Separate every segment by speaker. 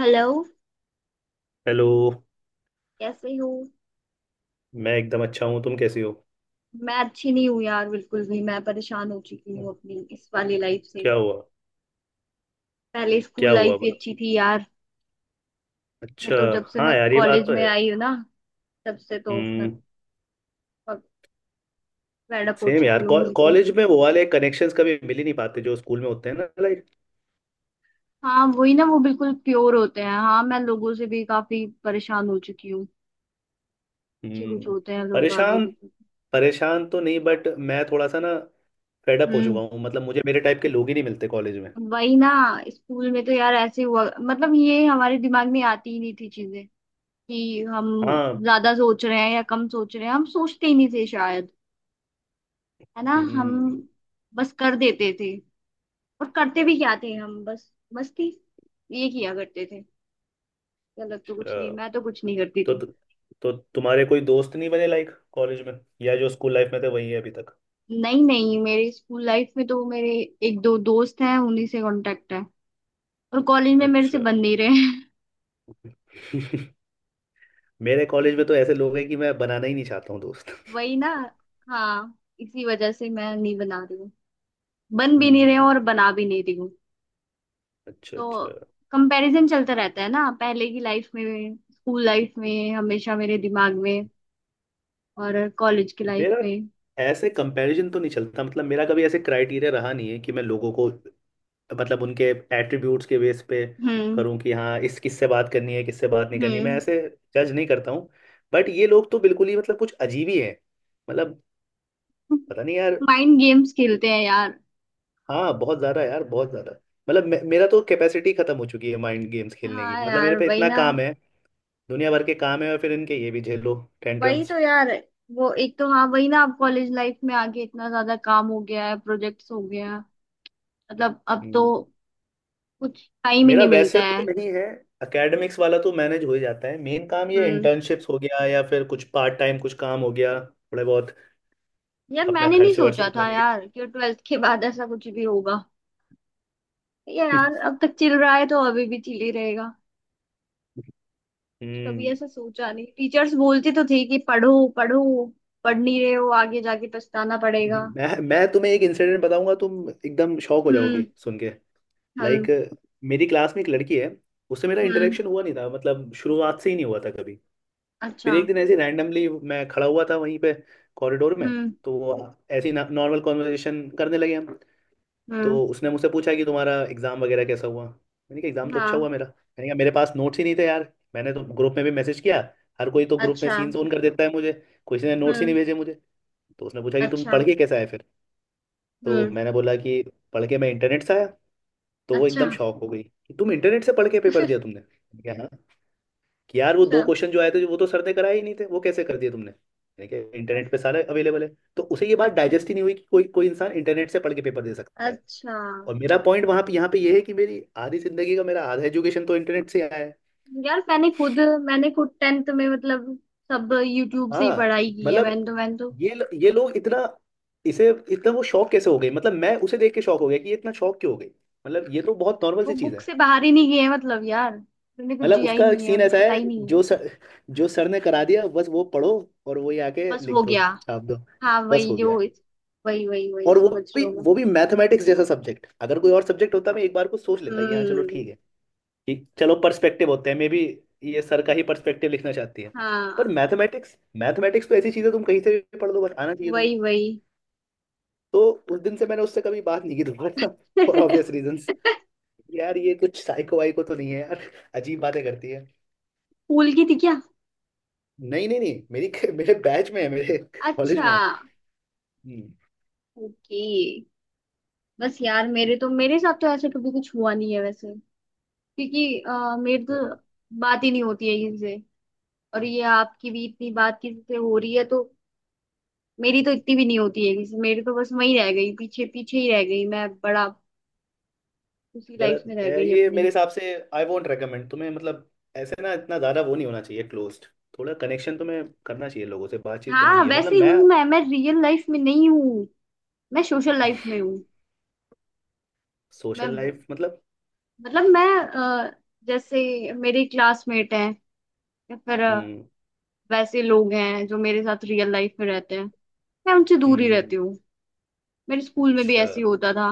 Speaker 1: Hello.
Speaker 2: Hello.
Speaker 1: कैसे हो?
Speaker 2: मैं एकदम अच्छा हूँ, तुम कैसे हो?
Speaker 1: मैं अच्छी नहीं हूँ यार, बिल्कुल भी। मैं परेशान हो चुकी हूँ अपनी इस वाली लाइफ से।
Speaker 2: क्या हुआ?
Speaker 1: पहले
Speaker 2: क्या
Speaker 1: स्कूल
Speaker 2: हुआ
Speaker 1: लाइफ ही
Speaker 2: बा-
Speaker 1: अच्छी थी यार। मैं
Speaker 2: अच्छा।
Speaker 1: तो जब से
Speaker 2: हाँ
Speaker 1: मैं
Speaker 2: यार, ये बात
Speaker 1: कॉलेज
Speaker 2: तो
Speaker 1: में
Speaker 2: है।
Speaker 1: आई हूँ ना, तब से तो मैं
Speaker 2: हम्म।
Speaker 1: फेड अप हो
Speaker 2: सेम
Speaker 1: चुकी
Speaker 2: यार,
Speaker 1: हूँ बिल्कुल।
Speaker 2: कॉलेज में वो वाले कनेक्शंस कभी मिल ही नहीं पाते जो स्कूल में होते हैं ना, लाइक।
Speaker 1: हाँ वही ना, वो बिल्कुल प्योर होते हैं। हाँ, मैं लोगों से भी काफी परेशान हो चुकी हूँ। अच्छे कुछ
Speaker 2: हम्म।
Speaker 1: होते हैं लोग, आगे
Speaker 2: परेशान?
Speaker 1: कुछ।
Speaker 2: परेशान तो नहीं, बट मैं थोड़ा सा ना फेड अप हो चुका
Speaker 1: हम्म।
Speaker 2: हूँ। मतलब मुझे मेरे टाइप के लोग ही नहीं मिलते कॉलेज में।
Speaker 1: वही ना। स्कूल में तो यार ऐसे हुआ, मतलब ये हमारे दिमाग में आती ही नहीं थी चीजें, कि हम
Speaker 2: हाँ।
Speaker 1: ज्यादा सोच रहे हैं या कम सोच रहे हैं, हम सोचते ही नहीं थे शायद। है ना, हम
Speaker 2: हम्म।
Speaker 1: बस कर देते थे। और करते भी क्या थे हम, बस मस्ती। ये किया करते थे। गलत तो कुछ नहीं,
Speaker 2: अच्छा।
Speaker 1: मैं तो कुछ नहीं करती
Speaker 2: तो
Speaker 1: थी।
Speaker 2: तो तुम्हारे कोई दोस्त नहीं बने लाइक कॉलेज में? या जो स्कूल लाइफ में थे वही है अभी तक?
Speaker 1: नहीं नहीं, मेरे स्कूल लाइफ में तो मेरे एक दो दोस्त हैं, उन्हीं से कांटेक्ट है। और कॉलेज में मेरे से
Speaker 2: अच्छा।
Speaker 1: बन नहीं रहे हैं
Speaker 2: मेरे कॉलेज में तो ऐसे लोग हैं कि मैं बनाना ही नहीं चाहता हूँ दोस्त।
Speaker 1: वही ना। हाँ, इसी वजह से मैं नहीं बना रही हूँ। बन भी नहीं रहे हैं
Speaker 2: हम्म।
Speaker 1: और बना भी नहीं रही हूँ।
Speaker 2: अच्छा
Speaker 1: तो
Speaker 2: अच्छा।
Speaker 1: कंपैरिजन चलता रहता है ना, पहले की लाइफ में, स्कूल लाइफ में, हमेशा मेरे दिमाग में। और कॉलेज की लाइफ
Speaker 2: मेरा
Speaker 1: में।
Speaker 2: ऐसे कंपैरिजन तो नहीं चलता, मतलब मेरा कभी ऐसे क्राइटेरिया रहा नहीं है कि मैं लोगों को, मतलब उनके एट्रीब्यूट्स के बेस पे
Speaker 1: हम्म।
Speaker 2: करूं कि हाँ इस किससे बात करनी है किससे बात नहीं करनी। मैं
Speaker 1: हम्म।
Speaker 2: ऐसे जज नहीं करता हूँ। बट ये लोग तो बिल्कुल ही, मतलब कुछ अजीब ही है। मतलब पता नहीं यार।
Speaker 1: माइंड गेम्स खेलते हैं यार।
Speaker 2: हाँ बहुत ज़्यादा यार, बहुत ज़्यादा। मतलब मेरा तो कैपेसिटी खत्म हो चुकी है माइंड गेम्स खेलने की।
Speaker 1: हाँ
Speaker 2: मतलब मेरे
Speaker 1: यार,
Speaker 2: पे
Speaker 1: वही
Speaker 2: इतना
Speaker 1: ना।
Speaker 2: काम है, दुनिया भर के काम है और फिर इनके ये भी झेलो,
Speaker 1: वही
Speaker 2: टेंट्रम्स।
Speaker 1: तो यार। वो एक तो हाँ, वही ना, अब कॉलेज लाइफ में आके इतना ज्यादा काम हो गया है, प्रोजेक्ट्स हो गया, मतलब अब तो
Speaker 2: हम्म,
Speaker 1: कुछ टाइम ही
Speaker 2: मेरा
Speaker 1: नहीं मिलता
Speaker 2: वैसे तो
Speaker 1: है।
Speaker 2: नहीं है। एकेडमिक्स वाला तो मैनेज हो ही जाता है, मेन काम ये
Speaker 1: हम्म।
Speaker 2: इंटर्नशिप्स हो गया या फिर कुछ पार्ट टाइम कुछ काम हो गया थोड़े बहुत
Speaker 1: यार
Speaker 2: अपना
Speaker 1: मैंने नहीं
Speaker 2: खर्च वर्च
Speaker 1: सोचा था
Speaker 2: उठाने के
Speaker 1: यार, कि ट्वेल्थ के बाद ऐसा कुछ भी होगा।
Speaker 2: लिए।
Speaker 1: यार अब तक चिल रहा है तो अभी भी चिल ही रहेगा। कभी
Speaker 2: हम्म।
Speaker 1: ऐसा सोचा नहीं। टीचर्स बोलती तो थी कि पढ़ो पढ़ो, पढ़ नहीं रहे हो, आगे जाके पछताना पड़ेगा।
Speaker 2: मैं तुम्हें एक इंसिडेंट बताऊंगा तुम एकदम शॉक हो जाओगी
Speaker 1: हम्म।
Speaker 2: सुन के। लाइक
Speaker 1: हम्म।
Speaker 2: मेरी क्लास में एक लड़की है, उससे मेरा
Speaker 1: हम्म।
Speaker 2: इंटरेक्शन हुआ नहीं था, मतलब शुरुआत से ही नहीं हुआ था कभी। फिर
Speaker 1: अच्छा।
Speaker 2: एक दिन ऐसे रैंडमली मैं खड़ा हुआ था वहीं पे, कॉरिडोर में।
Speaker 1: हम्म।
Speaker 2: तो वो ऐसी नॉर्मल कॉन्वर्सेशन करने लगे हम।
Speaker 1: हम्म।
Speaker 2: तो उसने मुझसे पूछा कि तुम्हारा एग्ज़ाम वगैरह कैसा हुआ, मैंने कहा एग्ज़ाम तो अच्छा
Speaker 1: हाँ।
Speaker 2: हुआ मेरा, मैंने कहा मेरे पास नोट्स ही नहीं थे यार, मैंने तो ग्रुप में भी मैसेज किया। हर कोई तो ग्रुप में
Speaker 1: अच्छा।
Speaker 2: सीन ऑन कर देता है मुझे, किसी ने नोट्स ही नहीं
Speaker 1: हम्म।
Speaker 2: भेजे मुझे। तो उसने पूछा कि तुम
Speaker 1: अच्छा।
Speaker 2: पढ़ के कैसे आए फिर। तो
Speaker 1: हम्म।
Speaker 2: मैंने बोला कि पढ़ के मैं इंटरनेट से आया। तो वो
Speaker 1: अच्छा।
Speaker 2: एकदम शॉक हो गई कि तुम इंटरनेट से पढ़ के पेपर दिया तुमने? मैंने कहा हाँ। कि यार वो दो
Speaker 1: अच्छा।
Speaker 2: क्वेश्चन जो आए थे वो तो सर ने कराए ही नहीं थे वो कैसे कर दिए तुमने? मैंने कहा इंटरनेट पे सारे अवेलेबल है। तो उसे ये बात
Speaker 1: अच्छा।
Speaker 2: डाइजेस्ट ही नहीं हुई कि कोई कोई इंसान इंटरनेट से पढ़ के पेपर दे सकता है।
Speaker 1: अच्छा।
Speaker 2: और मेरा पॉइंट वहां पे यहाँ पे ये है कि मेरी आधी जिंदगी का मेरा आधा एजुकेशन तो इंटरनेट से आया है।
Speaker 1: यार मैंने खुद टेंथ में, मतलब सब यूट्यूब से ही
Speaker 2: हाँ,
Speaker 1: पढ़ाई की है।
Speaker 2: मतलब
Speaker 1: मैंने तो
Speaker 2: ये लोग इतना, इसे इतना वो शौक कैसे हो गए? मतलब मैं उसे देख के शौक हो गया कि ये इतना शौक क्यों हो गई। मतलब ये तो बहुत नॉर्मल
Speaker 1: वो
Speaker 2: सी चीज
Speaker 1: बुक
Speaker 2: है।
Speaker 1: से बाहर ही नहीं गए हैं, मतलब यार उन्हें कुछ
Speaker 2: मतलब
Speaker 1: जिया ही
Speaker 2: उसका एक
Speaker 1: नहीं है,
Speaker 2: सीन
Speaker 1: उन्हें
Speaker 2: ऐसा
Speaker 1: पता
Speaker 2: है,
Speaker 1: ही नहीं है।
Speaker 2: जो सर जो सर ने करा दिया बस वो पढ़ो और वही आके
Speaker 1: बस
Speaker 2: लिख
Speaker 1: हो
Speaker 2: दो,
Speaker 1: गया।
Speaker 2: छाप दो,
Speaker 1: हाँ
Speaker 2: बस
Speaker 1: वही
Speaker 2: हो
Speaker 1: जो,
Speaker 2: गया।
Speaker 1: वही वही वही
Speaker 2: और
Speaker 1: समझ लो मैं।
Speaker 2: वो भी मैथमेटिक्स जैसा सब्जेक्ट, अगर कोई और सब्जेक्ट होता मैं एक बार को सोच लेता कि हाँ चलो ठीक
Speaker 1: हम्म।
Speaker 2: है, कि चलो पर्सपेक्टिव होते हैं मे बी, ये सर का ही पर्सपेक्टिव लिखना चाहती है। पर
Speaker 1: हाँ।
Speaker 2: मैथमेटिक्स, मैथमेटिक्स तो ऐसी चीज है तुम कहीं से भी पढ़ लो बट आना चाहिए तुम्हें।
Speaker 1: वही वही।
Speaker 2: तो उस दिन से मैंने उससे कभी बात नहीं की दोबारा, फॉर ऑब्वियस रीजंस।
Speaker 1: स्कूल
Speaker 2: यार ये कुछ साइको वाइको तो नहीं है यार, अजीब बातें करती है।
Speaker 1: की थी क्या?
Speaker 2: नहीं नहीं नहीं, मेरी मेरे बैच में है, मेरे कॉलेज
Speaker 1: अच्छा।
Speaker 2: में है। हम्म,
Speaker 1: ओके। बस यार, मेरे साथ तो ऐसे कभी कुछ हुआ नहीं है वैसे। क्योंकि मेरी तो बात ही नहीं होती है किसी से। और ये आपकी भी इतनी बात किसी से हो रही है तो। मेरी तो इतनी भी नहीं होती है मेरी तो बस वही रह गई, पीछे पीछे ही रह गई मैं। बड़ा उसी लाइफ
Speaker 2: गलत
Speaker 1: में रह गई
Speaker 2: ये
Speaker 1: अपनी।
Speaker 2: मेरे हिसाब से आई वोंट रेकमेंड तुम्हें। मतलब ऐसे ना इतना ज्यादा वो नहीं होना चाहिए क्लोज्ड, थोड़ा कनेक्शन तुम्हें करना चाहिए, लोगों से बातचीत करनी
Speaker 1: हाँ
Speaker 2: चाहिए। मतलब
Speaker 1: वैसे
Speaker 2: मैं,
Speaker 1: हूं मैं रियल लाइफ में नहीं हूँ, मैं सोशल लाइफ में हूँ। मैं
Speaker 2: सोशल
Speaker 1: वो-
Speaker 2: लाइफ मतलब?
Speaker 1: मतलब मैं अ, जैसे मेरे क्लासमेट हैं, या फिर
Speaker 2: हम्म।
Speaker 1: वैसे लोग हैं जो मेरे साथ रियल लाइफ में रहते हैं, मैं उनसे दूर ही
Speaker 2: हम्म,
Speaker 1: रहती हूँ। मेरे स्कूल में भी
Speaker 2: अच्छा
Speaker 1: ऐसे ही होता था।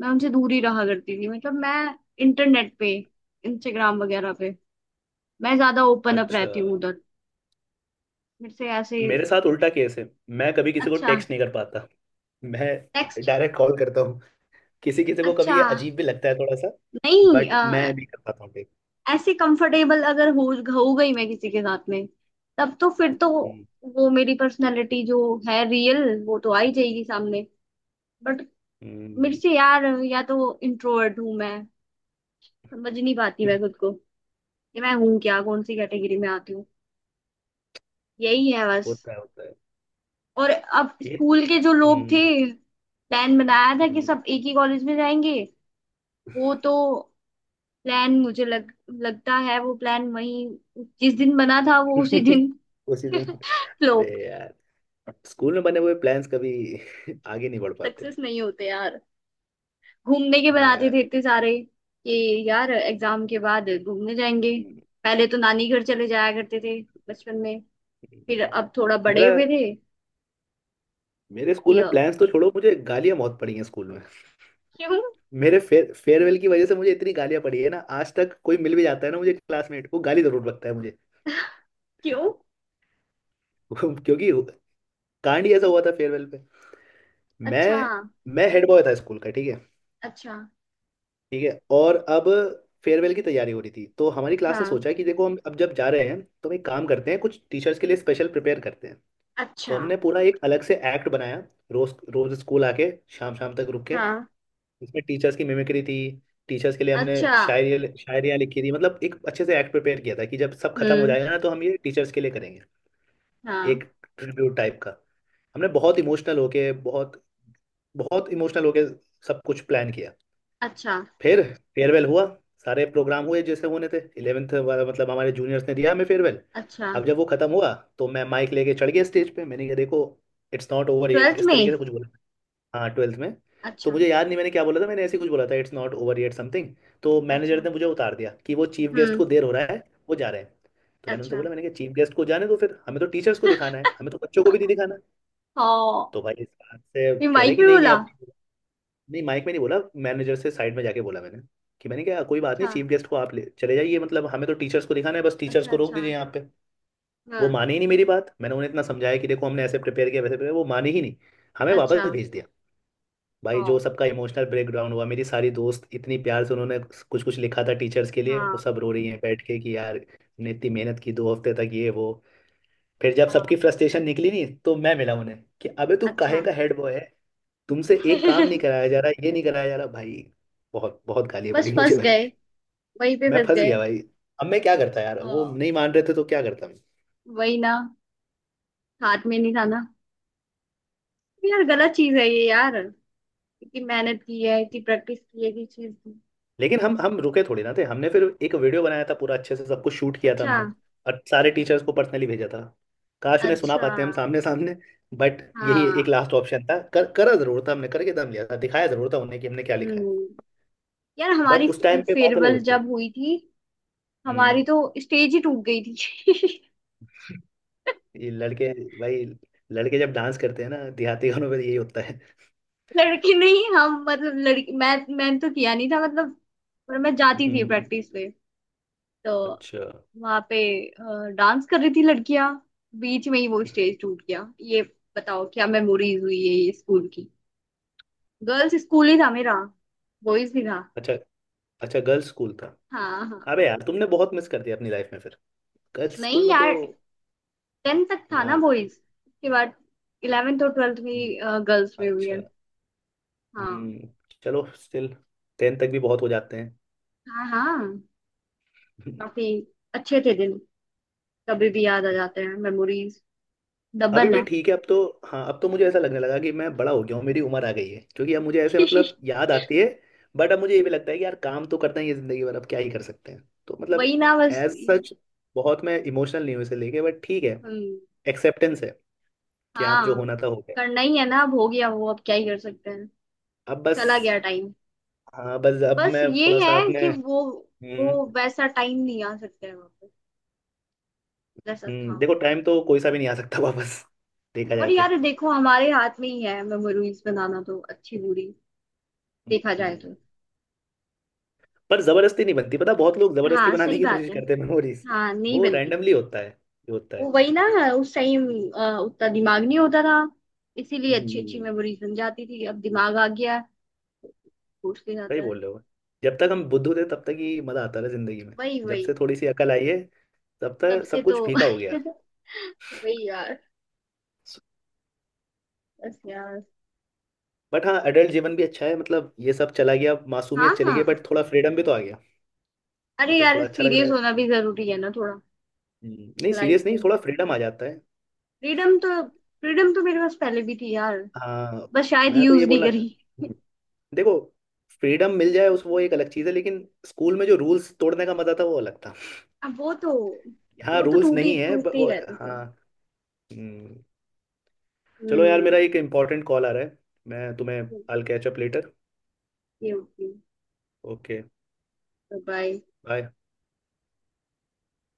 Speaker 1: मैं उनसे दूर ही रहा करती थी, मतलब मैं इंटरनेट पे, इंस्टाग्राम वगैरह पे मैं ज्यादा ओपन अप
Speaker 2: अच्छा।
Speaker 1: रहती हूँ उधर। मेरे से ऐसे।
Speaker 2: मेरे साथ उल्टा केस है, मैं कभी किसी को
Speaker 1: अच्छा।
Speaker 2: टेक्स्ट नहीं कर पाता, मैं
Speaker 1: नेक्स्ट।
Speaker 2: डायरेक्ट कॉल करता हूँ। किसी किसी को
Speaker 1: अच्छा।
Speaker 2: कभी ये अजीब भी लगता है थोड़ा सा।
Speaker 1: नहीं
Speaker 2: बट मैं भी कर पाता हूँ text।
Speaker 1: ऐसे कंफर्टेबल अगर हो, हो गई मैं किसी के साथ में, तब तो फिर तो
Speaker 2: हम्म।
Speaker 1: वो मेरी पर्सनालिटी जो है रियल, वो तो आ ही जाएगी सामने। बट मेरे
Speaker 2: हम्म।
Speaker 1: से यार, या तो इंट्रोवर्ट हूँ मैं, समझ नहीं पाती मैं
Speaker 2: हम्म।
Speaker 1: खुद को कि मैं हूँ क्या, कौन सी कैटेगरी में आती हूँ। यही है बस।
Speaker 2: होता है होता है।
Speaker 1: और अब
Speaker 2: ये,
Speaker 1: स्कूल के जो लोग
Speaker 2: हम्म।
Speaker 1: थे, प्लान बनाया था कि
Speaker 2: हम्म।
Speaker 1: सब एक ही कॉलेज में जाएंगे। वो तो प्लान मुझे लग लगता है वो प्लान वही जिस दिन बना था वो उसी दिन
Speaker 2: उसी दिन। अरे
Speaker 1: फ्लॉप,
Speaker 2: यार, स्कूल में बने हुए प्लान्स कभी आगे नहीं बढ़ पाते।
Speaker 1: सक्सेस नहीं होते यार। घूमने के
Speaker 2: हाँ
Speaker 1: बनाते थे
Speaker 2: यार।
Speaker 1: इतने सारे, कि यार एग्जाम के बाद घूमने जाएंगे।
Speaker 2: हम्म।
Speaker 1: पहले तो नानी घर चले जाया करते थे बचपन में।
Speaker 2: हम्म।
Speaker 1: फिर
Speaker 2: हम्म।
Speaker 1: अब थोड़ा बड़े
Speaker 2: मेरा,
Speaker 1: हुए थे
Speaker 2: मेरे स्कूल
Speaker 1: कि
Speaker 2: में प्लान्स तो छोड़ो, मुझे गालियां बहुत पड़ी हैं स्कूल में।
Speaker 1: क्यों?
Speaker 2: मेरे फेयर फेयरवेल की वजह से मुझे इतनी गालियां पड़ी है ना, आज तक कोई मिल भी जाता है ना मुझे क्लासमेट, वो गाली जरूर बकता है मुझे।
Speaker 1: क्यों?
Speaker 2: क्योंकि कांड ही ऐसा हुआ था फेयरवेल पे।
Speaker 1: अच्छा।
Speaker 2: मैं मैं हेड बॉय था स्कूल का, ठीक है।
Speaker 1: अच्छा।
Speaker 2: ठीक है, और अब फेयरवेल की तैयारी हो रही थी तो हमारी क्लास ने
Speaker 1: हाँ।
Speaker 2: सोचा कि देखो हम अब जब जा रहे हैं तो हम एक काम करते हैं, कुछ टीचर्स के लिए स्पेशल प्रिपेयर करते हैं। तो
Speaker 1: अच्छा।
Speaker 2: हमने पूरा एक अलग से एक्ट बनाया, रोज रोज स्कूल आके शाम शाम तक रुक के।
Speaker 1: हाँ।
Speaker 2: इसमें टीचर्स की मिमिक्री थी, टीचर्स के लिए हमने
Speaker 1: अच्छा।
Speaker 2: शायरी शायरियाँ लिखी थी। मतलब एक अच्छे से एक्ट प्रिपेयर किया था कि जब सब खत्म हो
Speaker 1: हम्म।
Speaker 2: जाएगा ना तो हम ये टीचर्स के लिए करेंगे,
Speaker 1: हाँ।
Speaker 2: एक ट्रिब्यूट टाइप का। हमने बहुत इमोशनल होके, बहुत बहुत इमोशनल होके सब कुछ प्लान किया।
Speaker 1: अच्छा।
Speaker 2: फिर फेयरवेल हुआ, सारे प्रोग्राम हुए जैसे होने थे, इलेवेंथ वाला, मतलब हमारे जूनियर्स ने दिया हमें फेयरवेल।
Speaker 1: अच्छा।
Speaker 2: अब जब वो खत्म हुआ तो मैं माइक लेके चढ़ गया स्टेज पे। मैंने कहा देखो, it's not over yet,
Speaker 1: twelfth
Speaker 2: इस तरीके
Speaker 1: में।
Speaker 2: से कुछ बोला। हाँ ट्वेल्थ में। तो
Speaker 1: अच्छा।
Speaker 2: मुझे याद नहीं मैंने क्या बोला था, मैंने ऐसे ही कुछ बोला था it's not over yet something. तो
Speaker 1: अच्छा।
Speaker 2: मैनेजर ने मुझे उतार दिया कि वो चीफ गेस्ट
Speaker 1: हम्म।
Speaker 2: को देर हो रहा है, वो जा रहे हैं। तो मैंने उनसे
Speaker 1: अच्छा।
Speaker 2: बोला, मैंने कहा चीफ गेस्ट को जाने दो फिर, हमें तो टीचर्स को दिखाना है, हमें तो बच्चों को भी नहीं दिखाना।
Speaker 1: हाँ।
Speaker 2: तो भाई इस बात से
Speaker 1: ये
Speaker 2: कह रहे
Speaker 1: माइक
Speaker 2: कि
Speaker 1: में
Speaker 2: नहीं नहीं
Speaker 1: बोला?
Speaker 2: अब नहीं। नहीं माइक में नहीं बोला, मैनेजर से साइड में जाके बोला मैंने, कि मैंने कहा कोई बात नहीं
Speaker 1: अच्छा।
Speaker 2: चीफ गेस्ट को आप ले चले जाइए, मतलब हमें तो टीचर्स को दिखाना है, बस टीचर्स
Speaker 1: अच्छा।
Speaker 2: को रोक
Speaker 1: अच्छा।
Speaker 2: दीजिए यहाँ पे। वो
Speaker 1: हाँ।
Speaker 2: माने ही नहीं मेरी बात, मैंने उन्हें इतना समझाया कि देखो हमने ऐसे प्रिपेयर किया वैसे प्रिपेयर, वो माने ही नहीं, हमें
Speaker 1: अच्छा।
Speaker 2: वापस भेज दिया। भाई जो
Speaker 1: हाँ।
Speaker 2: सबका इमोशनल ब्रेकडाउन हुआ, मेरी सारी दोस्त इतनी प्यार से उन्होंने कुछ कुछ लिखा था टीचर्स के लिए, वो
Speaker 1: हाँ।
Speaker 2: सब रो रही हैं बैठ के कि यार हमने इतनी मेहनत की दो हफ्ते तक ये वो। फिर जब सबकी
Speaker 1: हाँ।
Speaker 2: फ्रस्ट्रेशन निकली नहीं तो मैं मिला उन्हें, कि अबे तू काहे
Speaker 1: अच्छा।
Speaker 2: का हेड बॉय है, तुमसे एक काम नहीं कराया जा रहा, ये नहीं कराया जा रहा भाई। बहुत बहुत गालियाँ
Speaker 1: बस
Speaker 2: पड़ी मुझे
Speaker 1: फंस
Speaker 2: भाई।
Speaker 1: गए, वहीं पे
Speaker 2: मैं
Speaker 1: फंस
Speaker 2: फंस
Speaker 1: गए।
Speaker 2: गया भाई। अब मैं क्या करता यार,
Speaker 1: अ,
Speaker 2: वो नहीं मान रहे थे तो क्या करता।
Speaker 1: वही ना, हाथ में नहीं था ना। यार गलत चीज है ये यार, इतनी मेहनत की है, इतनी प्रैक्टिस की है, इतनी चीज की।
Speaker 2: लेकिन हम रुके थोड़ी ना थे, हमने फिर एक वीडियो बनाया था पूरा अच्छे से सब कुछ शूट किया था
Speaker 1: अच्छा।
Speaker 2: हमने, और सारे टीचर्स को पर्सनली भेजा था। काश उन्हें सुना
Speaker 1: अच्छा।
Speaker 2: पाते हम सामने सामने, बट यही एक
Speaker 1: हाँ।
Speaker 2: लास्ट ऑप्शन था, कर करा जरूर था, हमने करके दम लिया था, दिखाया जरूर था उन्हें कि हमने क्या लिखा है।
Speaker 1: हम्म। यार
Speaker 2: बट
Speaker 1: हमारी
Speaker 2: उस टाइम पे बात अलग
Speaker 1: फेयरवेल
Speaker 2: होती।
Speaker 1: जब हुई थी,
Speaker 2: हम्म।
Speaker 1: हमारी तो स्टेज ही टूट गई थी
Speaker 2: ये लड़के, भाई लड़के जब डांस करते हैं ना देहाती गानों पे यही होता है।
Speaker 1: लड़की नहीं हम, मतलब लड़की मैं, मैंने तो किया नहीं था, मतलब पर मैं जाती थी
Speaker 2: हम्म।
Speaker 1: प्रैक्टिस पे, तो
Speaker 2: अच्छा
Speaker 1: वहां पे डांस कर रही थी लड़कियां, बीच में ही वो स्टेज टूट गया। ये बताओ क्या मेमोरीज हुई है ये स्कूल की। गर्ल्स स्कूल ही था मेरा, बॉयज भी था।
Speaker 2: अच्छा। अच्छा गर्ल्स स्कूल था।
Speaker 1: हाँ हाँ।
Speaker 2: अबे यार तुमने बहुत मिस कर दिया अपनी लाइफ में फिर, गर्ल्स स्कूल
Speaker 1: नहीं
Speaker 2: में तो।
Speaker 1: यार, टेंथ तक था
Speaker 2: ना
Speaker 1: ना
Speaker 2: ना।
Speaker 1: बॉयज, उसके बाद इलेवेंथ और ट्वेल्थ भी
Speaker 2: हम्म,
Speaker 1: गर्ल्स में हुई
Speaker 2: अच्छा।
Speaker 1: है। हाँ।
Speaker 2: हम्म, चलो स्टिल टेन तक भी बहुत हो जाते हैं।
Speaker 1: हाँ। हाँ। काफी अच्छे थे दिन। कभी भी याद आ जाते हैं मेमोरीज,
Speaker 2: अभी
Speaker 1: डबल
Speaker 2: भी ठीक है अब तो। हाँ अब तो मुझे ऐसा लगने लगा कि मैं बड़ा हो गया हूँ, मेरी उम्र आ गई है क्योंकि अब मुझे ऐसे
Speaker 1: है
Speaker 2: मतलब याद आती है। बट अब मुझे ये भी लगता है कि यार काम तो करना ही है जिंदगी भर, अब क्या ही कर सकते हैं तो मतलब
Speaker 1: वही ना बस।
Speaker 2: एज सच बहुत मैं इमोशनल नहीं हूँ इसे लेके, बट ठीक है,
Speaker 1: हम्म।
Speaker 2: एक्सेप्टेंस है कि आप
Speaker 1: हाँ।
Speaker 2: जो होना था हो गया।
Speaker 1: करना ही है ना, अब हो गया वो, अब क्या ही कर सकते हैं।
Speaker 2: अब बस।
Speaker 1: चला गया टाइम।
Speaker 2: हाँ बस अब
Speaker 1: बस
Speaker 2: मैं
Speaker 1: ये
Speaker 2: थोड़ा सा
Speaker 1: है
Speaker 2: अपने।
Speaker 1: कि वो
Speaker 2: हम्म,
Speaker 1: वैसा टाइम नहीं आ सकता है वापस, जैसा था।
Speaker 2: देखो टाइम तो कोई सा भी नहीं आ सकता वापस, देखा जाए
Speaker 1: और
Speaker 2: तो।
Speaker 1: यार देखो, हमारे हाथ में ही है मेमोरीज बनाना तो, अच्छी बुरी
Speaker 2: हम्म।
Speaker 1: देखा जाए
Speaker 2: हम्म।
Speaker 1: तो।
Speaker 2: पर जबरदस्ती नहीं बनती पता, बहुत लोग जबरदस्ती
Speaker 1: हाँ
Speaker 2: बनाने
Speaker 1: सही
Speaker 2: की कोशिश
Speaker 1: बात है।
Speaker 2: करते हैं मेमोरीज,
Speaker 1: हाँ, नहीं
Speaker 2: वो
Speaker 1: बनती।
Speaker 2: रैंडमली होता है जो होता
Speaker 1: वो
Speaker 2: है।
Speaker 1: वही ना, उस टाइम उतना दिमाग नहीं होता था, इसीलिए अच्छी अच्छी
Speaker 2: हम्म,
Speaker 1: मेमोरीज बन जाती थी। अब दिमाग आ गया है, भूल के
Speaker 2: सही
Speaker 1: जाता है।
Speaker 2: बोल रहे हो। जब तक हम बुद्धू थे तब तक ही मजा आता था जिंदगी में,
Speaker 1: वही
Speaker 2: जब से
Speaker 1: वही।
Speaker 2: थोड़ी सी अकल आई है तब
Speaker 1: तब
Speaker 2: तक
Speaker 1: से
Speaker 2: सब
Speaker 1: तो
Speaker 2: कुछ फीका हो गया।
Speaker 1: वही यार, बस यार।
Speaker 2: बट हाँ एडल्ट जीवन भी अच्छा है, मतलब ये सब चला गया,
Speaker 1: हाँ
Speaker 2: मासूमियत चली
Speaker 1: हाँ।
Speaker 2: गई, बट थोड़ा फ्रीडम भी तो आ गया। ये
Speaker 1: अरे
Speaker 2: तो
Speaker 1: यार,
Speaker 2: थोड़ा अच्छा लग रहा
Speaker 1: सीरियस
Speaker 2: है।
Speaker 1: होना भी जरूरी है ना थोड़ा,
Speaker 2: नहीं
Speaker 1: लाइफ
Speaker 2: सीरियस नहीं,
Speaker 1: में।
Speaker 2: थोड़ा फ्रीडम आ जाता है।
Speaker 1: फ्रीडम तो, मेरे पास पहले भी थी यार,
Speaker 2: हाँ,
Speaker 1: बस शायद
Speaker 2: मैं तो
Speaker 1: यूज
Speaker 2: ये
Speaker 1: नहीं
Speaker 2: बोलना
Speaker 1: करी।
Speaker 2: देखो फ्रीडम मिल जाए उस वो एक अलग चीज़ है, लेकिन स्कूल में जो रूल्स तोड़ने का मजा था वो अलग था।
Speaker 1: अब वो तो,
Speaker 2: हाँ रूल्स
Speaker 1: टूटी
Speaker 2: नहीं है but
Speaker 1: टूटते ही
Speaker 2: वो।
Speaker 1: रहते थे।
Speaker 2: हाँ। हम्म, चलो यार
Speaker 1: हम्म।
Speaker 2: मेरा एक इम्पोर्टेंट कॉल आ रहा है, मैं तुम्हें I catch up later.
Speaker 1: Okay okay.
Speaker 2: Okay.
Speaker 1: Bye.
Speaker 2: Bye.